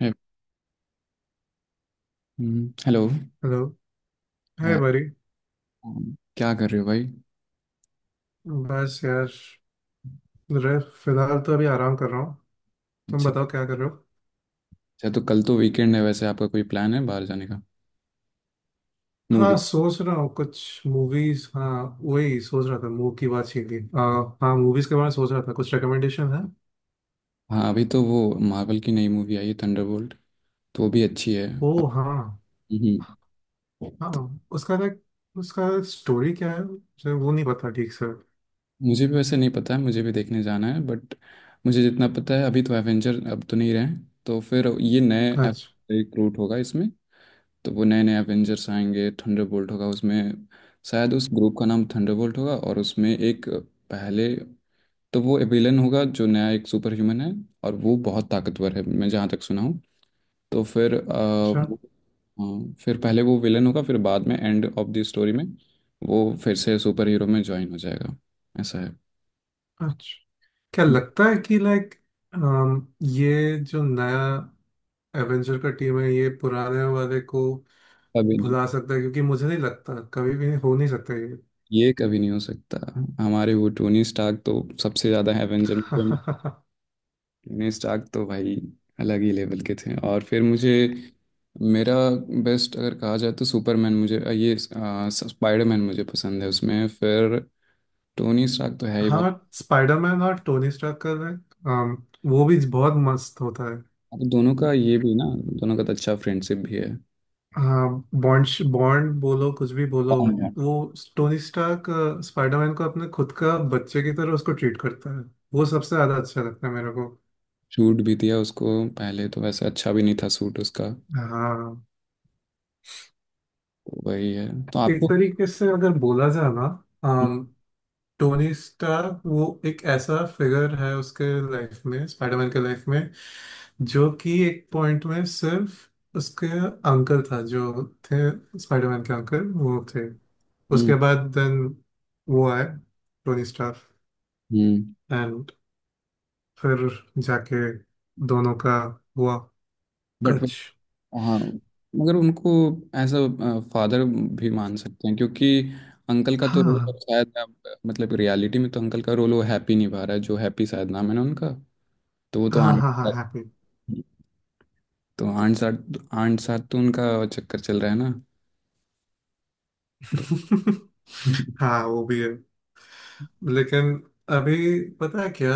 हे- hello. Hello. Hi uh, बरी। क्या कर रहे हो भाई? बस यार फिलहाल तो अभी आराम कर रहा हूँ। तुम अच्छा। बताओ क्या कर रहे हो। अच्छा तो कल तो वीकेंड है, वैसे आपका कोई प्लान है बाहर जाने का? हाँ मूवी? सोच रहा हूँ कुछ मूवीज। हाँ वही सोच रहा था, मूव की बात छीन ली। हाँ मूवीज के बारे में सोच रहा था, कुछ रिकमेंडेशन है? हाँ अभी तो वो मार्वल की नई मूवी आई है थंडरबोल्ट, तो वो भी अच्छी है। ओ अब हाँ। हम्म, हाँ उसका स्टोरी क्या है मुझे वो नहीं पता ठीक से। मुझे भी वैसे नहीं पता है, मुझे भी देखने जाना है बट मुझे जितना पता है अभी तो एवेंजर अब तो नहीं रहे। तो फिर ये नए अच्छा। रिक्रूट होगा इसमें, तो वो नए नए एवेंजर्स आएंगे, थंडरबोल्ट होगा उसमें। शायद उस ग्रुप का नाम थंडरबोल्ट होगा और उसमें एक पहले तो वो विलन होगा जो नया एक सुपर ह्यूमन है और वो बहुत ताकतवर है मैं जहाँ तक सुना हूँ। तो फिर अच्छा। हाँ, फिर पहले वो विलन होगा फिर बाद में एंड ऑफ द स्टोरी में वो फिर से सुपर हीरो में ज्वाइन हो जाएगा, ऐसा है। अच्छा, क्या लगता है कि लाइक, ये जो नया एवेंजर का टीम है ये पुराने वाले को कभी नहीं। भुला सकता है? क्योंकि मुझे नहीं लगता कभी भी हो नहीं सकता ये। ये कभी नहीं हो सकता। हमारे वो टोनी स्टार्क तो सबसे ज़्यादा है एवेंजर में। टोनी स्टार्क तो भाई अलग ही लेवल के थे और फिर मुझे मेरा बेस्ट अगर कहा जाए तो सुपरमैन मुझे ये स्पाइडरमैन मुझे पसंद है, उसमें फिर टोनी स्टार्क तो है ही बट हाँ, स्पाइडरमैन और टोनी स्टार्क का है। अम, वो भी बहुत मस्त होता है। अब दोनों का ये भी ना, दोनों का तो अच्छा फ्रेंडशिप भी है। हाँ बॉन्ड, बॉन्ड बोलो कुछ भी बोलो। कौन है? वो टोनी स्टार्क स्पाइडरमैन को अपने खुद का बच्चे की तरह उसको ट्रीट करता है। वो सबसे ज्यादा अच्छा लगता है मेरे को। सूट भी दिया उसको। पहले तो वैसे अच्छा भी नहीं था सूट उसका। हाँ तो वही है तो एक आपको। तरीके से अगर बोला जाए ना, टोनी स्टार्क वो एक ऐसा फिगर है उसके लाइफ में, स्पाइडरमैन के लाइफ में, जो कि एक पॉइंट में सिर्फ उसके अंकल था, जो थे, स्पाइडरमैन के अंकल वो थे। हम्म। उसके बाद देन वो आए टोनी स्टार्क हम्म। एंड फिर जाके दोनों का हुआ बट कच। हाँ मगर उनको एज अ फादर भी मान सकते हैं क्योंकि अंकल का तो रोल हाँ शायद मतलब रियलिटी में तो अंकल का रोल वो हैप्पी निभा रहा है, जो हैप्पी शायद नाम है ना उनका, तो वो तो हाँ आंट, हाँ हाँ, हैप्पी। तो आंट साथ तो उनका चक्कर चल रहा है ना। तो हाँ वो भी है। लेकिन अभी पता है क्या,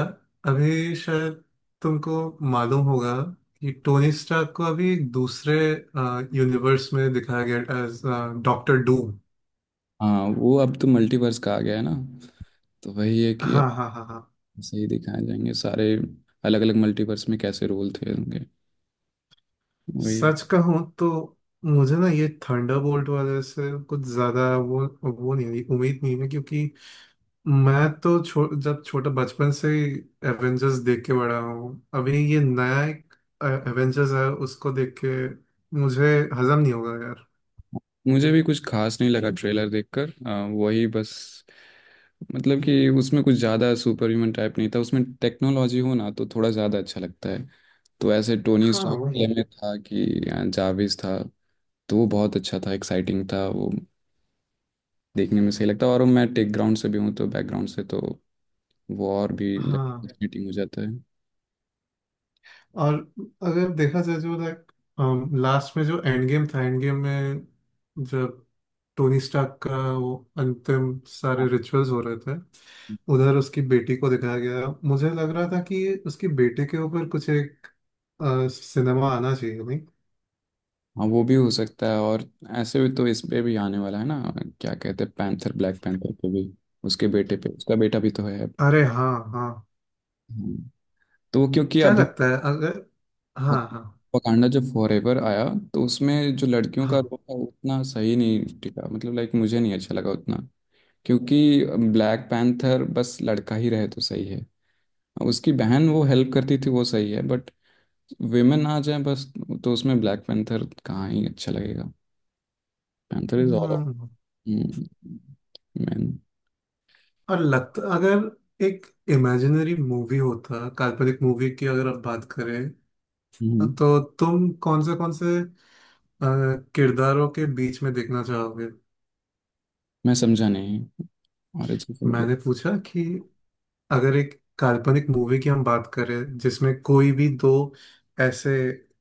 अभी शायद तुमको मालूम होगा कि टोनी स्टार्क को अभी दूसरे यूनिवर्स में दिखाया गया एज डॉक्टर डूम। हाँ वो अब तो मल्टीवर्स का आ गया है ना, तो वही है कि अब हाँ हाँ हाँ हाँ। सही दिखाए जाएंगे सारे अलग अलग मल्टीवर्स में कैसे रोल थे होंगे। वही। सच कहूँ तो मुझे ना ये थंडरबोल्ट वाले से कुछ ज्यादा वो नहीं है, उम्मीद नहीं है, क्योंकि मैं तो जब छोटा बचपन से ही एवेंजर्स देख के बड़ा हूँ। अभी ये नया एक एवेंजर्स है उसको देख के मुझे हजम नहीं होगा यार। मुझे भी कुछ खास नहीं लगा ट्रेलर देखकर, वही बस मतलब कि उसमें कुछ ज़्यादा सुपर ह्यूमन टाइप नहीं था, उसमें टेक्नोलॉजी हो ना तो थोड़ा ज़्यादा अच्छा लगता है। तो ऐसे टोनी हाँ स्टार्क वही। वाले में था कि जाविस था, तो वो बहुत अच्छा था, एक्साइटिंग था वो, देखने में सही लगता है। और मैं टेक ग्राउंड से भी हूँ तो बैकग्राउंड से तो वो और भी हाँ। चीटिंग हो जाता है, हाँ। और अगर देखा जाए जो लाइक, लास्ट में जो एंड गेम था, एंड गेम में जब टोनी स्टार्क का वो अंतिम सारे रिचुअल्स हो रहे थे, उधर उसकी बेटी को दिखाया गया। मुझे लग रहा था कि उसकी बेटे के ऊपर कुछ एक सिनेमा आना चाहिए नहीं? हाँ वो भी हो सकता है, और ऐसे भी तो इस पे भी आने वाला है ना, क्या कहते हैं पैंथर, ब्लैक पैंथर पे भी, उसके बेटे पे, उसका बेटा भी तो है। अरे हाँ हाँ। हम्म, तो वो क्योंकि क्या अभी लगता है अगर, हाँ हाँ वकांडा जब फॉरएवर आया तो उसमें जो लड़कियों हाँ। का रोल था वो उतना सही नहीं टिका, मतलब लाइक मुझे नहीं अच्छा लगा उतना, क्योंकि ब्लैक पैंथर बस लड़का ही रहे तो सही है, उसकी बहन वो हेल्प करती थी वो सही है बट विमेन आ जाए बस तो उसमें ब्लैक पैंथर कहाँ ही अच्छा लगेगा। Panther is all hmm. Man. और लगता अगर एक इमेजिनरी मूवी होता, काल्पनिक मूवी की अगर आप बात करें, हम्म, तो तुम कौन से अ, किरदारों के बीच में देखना चाहोगे? मैं समझा नहीं, ऑरिजिन का मतलब? मैंने पूछा कि अगर एक काल्पनिक मूवी की हम बात करें जिसमें कोई भी दो ऐसे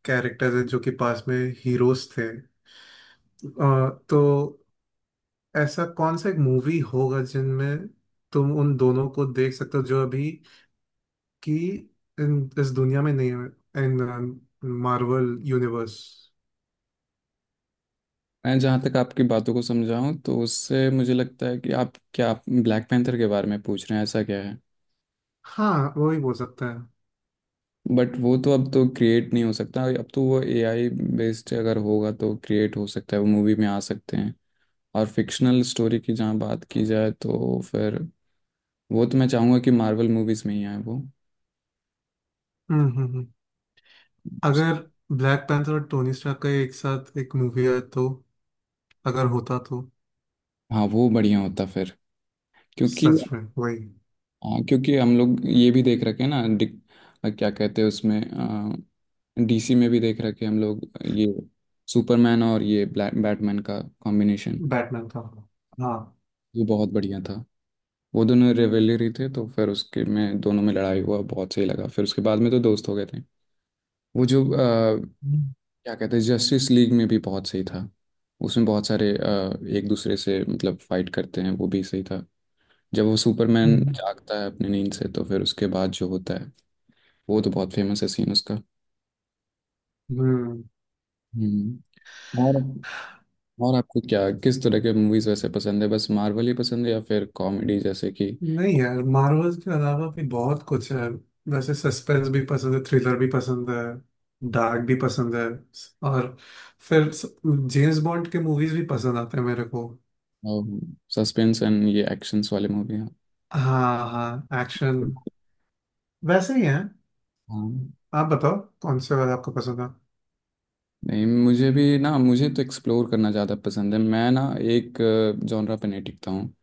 कैरेक्टर्स हैं जो कि पास में हीरोज थे, तो ऐसा कौन सा एक मूवी होगा जिनमें तुम उन दोनों को देख सकते हो, जो अभी की इस दुनिया में नहीं है, इन मार्वल यूनिवर्स। मैं जहाँ तक आपकी बातों को समझा हूँ तो उससे मुझे लगता है कि आप क्या ब्लैक पैंथर के बारे में पूछ रहे हैं, ऐसा क्या है? हाँ वही बोल सकते हैं। बट वो तो अब तो क्रिएट नहीं हो सकता, अब तो वो एआई बेस्ड अगर होगा तो क्रिएट हो सकता है, वो मूवी में आ सकते हैं। और फिक्शनल स्टोरी की जहाँ बात की जाए तो फिर वो तो मैं चाहूँगा कि मार्वल मूवीज़ में ही आए वो। हम्म हम्म हम्म। अगर ब्लैक पैंथर और टोनी स्टार्क का एक साथ एक मूवी है तो, अगर होता तो हाँ वो बढ़िया होता फिर, क्योंकि सच में वही, हाँ क्योंकि हम लोग ये भी देख रखे हैं ना, क्या कहते हैं उसमें, डीसी में भी देख रखे हैं हम लोग, ये सुपरमैन और ये ब्लैक बैटमैन का कॉम्बिनेशन, बैटमैन का होगा। हाँ। ये बहुत बढ़िया था। वो दोनों रिवेलरी थे तो फिर उसके में दोनों में लड़ाई हुआ, बहुत सही लगा, फिर उसके बाद में तो दोस्त हो गए थे। वो जो हम्म, क्या कहते हैं जस्टिस लीग में भी बहुत सही था, उसमें बहुत सारे एक दूसरे से मतलब फाइट करते हैं, वो भी सही था, जब वो सुपरमैन हम्म। जागता है अपनी नींद से तो फिर उसके बाद जो होता है वो तो बहुत फेमस है सीन उसका। हम्म। हम्म। और और आपको क्या किस तरह के मूवीज वैसे पसंद है, बस मार्वल ही पसंद है या फिर कॉमेडी जैसे कि नहीं यार, मार्वल्स के अलावा भी बहुत कुछ है। वैसे सस्पेंस भी पसंद है, थ्रिलर भी पसंद है, डार्क भी पसंद है, और फिर जेम्स बॉन्ड के मूवीज भी पसंद आते हैं मेरे को। सस्पेंस एंड ये एक्शंस वाले मूवी हैं? हाँ हाँ, एक्शन बिल्कुल। वैसे ही है। हाँ। आप बताओ कौन से वाला आपको पसंद है? नहीं मुझे भी ना, मुझे तो एक्सप्लोर करना ज़्यादा पसंद है, मैं ना एक जॉनरा पे नहीं टिकता हूँ।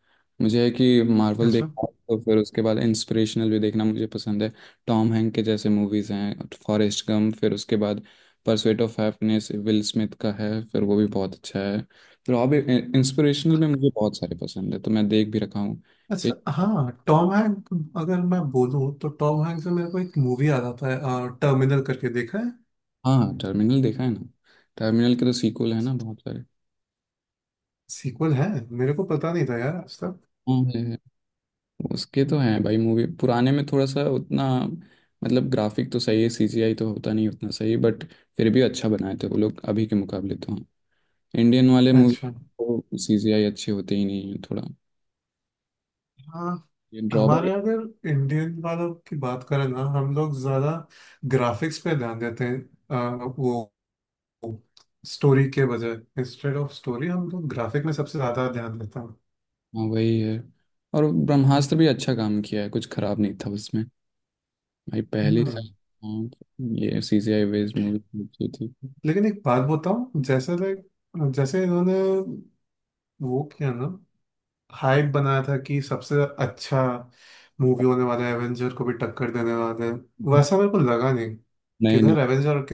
मुझे है कि मार्वल अच्छा। देखना तो फिर उसके बाद इंस्पिरेशनल भी देखना मुझे पसंद है। टॉम हैंक के जैसे मूवीज़ हैं फॉरेस्ट गम, फिर उसके बाद pursuit of happiness Will Smith का है, फिर वो भी बहुत अच्छा है। फिर और भी इंस्पिरेशनल में मुझे बहुत सारे पसंद है तो मैं देख भी रखा हूँ। अच्छा, एक। हाँ टॉम हैंक। अगर मैं बोलूँ तो टॉम हैंक से मेरे को एक मूवी आ जाता है, टर्मिनल करके, देखा है? हाँ टर्मिनल देखा है ना। टर्मिनल के तो सीक्वल है ना बहुत सारे। सीक्वल है, मेरे को पता नहीं था यार आज तक। हाँ। उसके तो हैं भाई, मूवी पुराने में थोड़ा सा उतना, मतलब ग्राफिक तो सही है, सीजीआई तो होता नहीं उतना सही बट फिर भी अच्छा बनाए थे वो लोग अभी के मुकाबले, तो हाँ। इंडियन वाले मूवी अच्छा। को सीजीआई अच्छे होते ही नहीं है थोड़ा, हाँ ये ड्रॉबैक। हमारे, अगर इंडियन वालों की बात करें ना, हम लोग ज़्यादा ग्राफिक्स पे ध्यान देते हैं वो स्टोरी के बजाय। इंस्टेड ऑफ स्टोरी हम लोग ग्राफिक में सबसे ज़्यादा ध्यान देते हैं। हाँ वही है। और ब्रह्मास्त्र भी अच्छा काम किया है, कुछ खराब नहीं था उसमें, भाई पहली। हम्म। हाँ। ये सीजीआई बेस्ड मूवी अच्छी थी। लेकिन एक बात बताऊं, जैसे लाइक, जैसे इन्होंने वो किया ना, हाइप बनाया था कि सबसे अच्छा मूवी होने वाला है, एवेंजर को भी टक्कर देने वाला है। वैसा मेरे को लगा नहीं। नहीं नहीं। किधर एवेंजर, और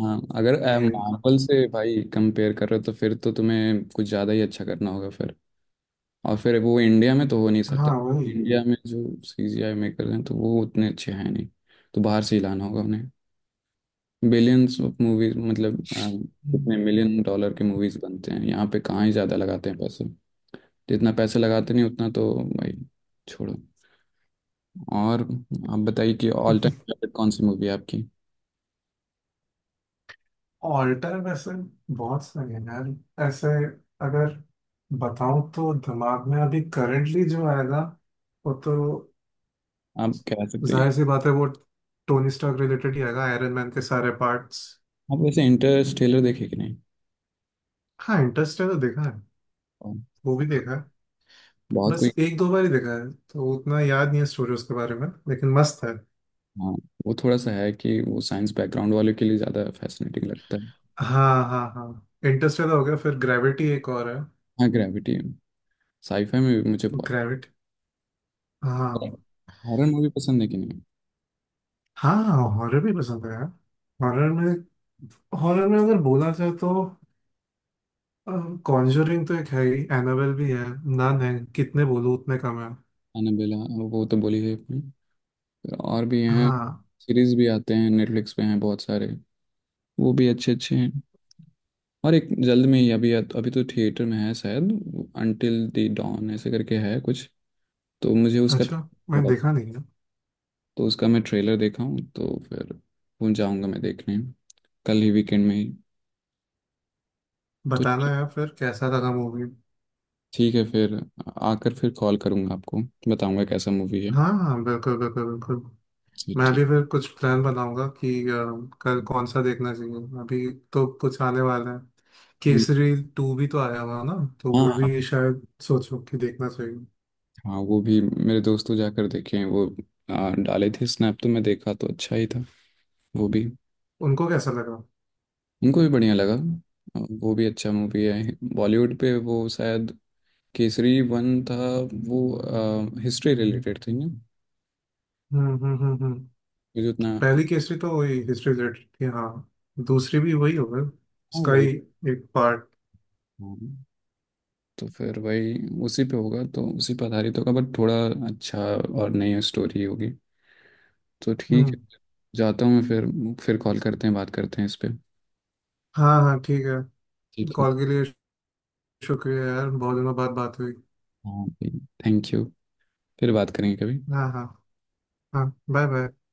हाँ अगर किधर ये। मार्वल से भाई कंपेयर कर रहे हो तो फिर तो तुम्हें कुछ ज़्यादा ही अच्छा करना होगा फिर। और फिर वो इंडिया में तो हो नहीं सकता। हाँ वही। इंडिया में जो सीजीआई मेकर हैं तो वो उतने अच्छे हैं नहीं, तो बाहर से ही लाना होगा उन्हें। बिलियंस ऑफ मूवीज मतलब, कितने मिलियन डॉलर के मूवीज बनते हैं, यहाँ पे कहाँ ही ज़्यादा लगाते हैं पैसे, जितना पैसे लगाते नहीं उतना तो भाई छोड़ो। और आप बताइए कि ऑल टाइम फेवरेट कौन सी मूवी है आपकी, ऑल्टर वैसे बहुत सारे हैं यार ऐसे। अगर बताऊं तो दिमाग में अभी करंटली जो आएगा वो तो आप कह सकते हैं। जाहिर सी बात है, वो टोनी स्टार्क रिलेटेड ही आएगा, आयरन मैन के सारे पार्ट्स। आप वैसे इंटरस्टेलर देखे कि नहीं? हाँ इंटरेस्टेलर देखा है। और वो भी देखा है। बहुत बस कोई? एक दो बार ही देखा है, तो उतना याद नहीं है स्टोरी उसके बारे में, लेकिन मस्त है। हाँ वो थोड़ा सा है कि वो साइंस बैकग्राउंड वाले के लिए ज़्यादा फैसिनेटिंग लगता है। हाँ हाँ हाँ, इंटरस्टेलर हो गया, फिर ग्रेविटी एक और है। हाँ ग्रेविटी। साईफाई में भी मुझे बहुत। ग्रेविटी। हाँ। हॉरर मूवी पसंद है कि नहीं? हाँ हॉरर भी पसंद है यार। हॉरर में, हॉरर में अगर बोला जाए तो कॉन्जरिंग तो एक है ही, एनाबेल भी है, नन है, कितने बोलूँ उतने कम है। एनाबेला, वो तो बोली है अपनी। फिर और भी हैं, हाँ। सीरीज भी आते हैं नेटफ्लिक्स पे, हैं बहुत सारे, वो भी अच्छे अच्छे हैं। और एक जल्द में ही अभी, अभी तो थिएटर में है शायद, अंटिल द डॉन ऐसे करके है कुछ, तो मुझे उसका, अच्छा, मैं देखा नहीं है। तो उसका मैं ट्रेलर देखा हूँ, तो फिर वो जाऊँगा मैं देखने, कल ही वीकेंड में ही। तो बताना यार फिर कैसा लगा मूवी। ठीक है फिर, आकर फिर कॉल करूँगा आपको, बताऊँगा कैसा मूवी है। हाँ हाँ, बिल्कुल बिल्कुल बिल्कुल। मैं ठीक। भी फिर कुछ प्लान बनाऊंगा कि कल कौन सा देखना चाहिए। अभी तो कुछ आने वाला है, केसरी 2 भी तो आया हुआ ना, तो वो हाँ भी शायद सोचो कि देखना चाहिए। हाँ वो भी मेरे दोस्तों जाकर देखे हैं वो, डाले थे स्नैप तो मैं देखा तो अच्छा ही था वो भी। उनको कैसा लगा? उनको भी बढ़िया लगा। वो भी अच्छा मूवी है बॉलीवुड पे, वो शायद केसरी वन था, वो हिस्ट्री रिलेटेड थी ना, हम्म। मुझे उतना हाँ। पहली केसरी तो वही हिस्ट्री रिलेटेड थी हाँ। दूसरी भी वही होगा, उसका ही वही। एक पार्ट। हाँ। तो फिर वही, उसी पे होगा तो उसी पे आधारित होगा बट थोड़ा अच्छा और नई स्टोरी होगी। तो ठीक हम्म। है, जाता हूँ मैं फिर कॉल करते हैं, बात करते हैं इस पे। हाँ हाँ ठीक है। ठीक है। कॉल के लिए शुक्रिया यार, बहुत दिनों बाद बात हुई। हाँ थैंक यू। फिर बात करेंगे कभी। हाँ हाँ। हाँ बाय बाय।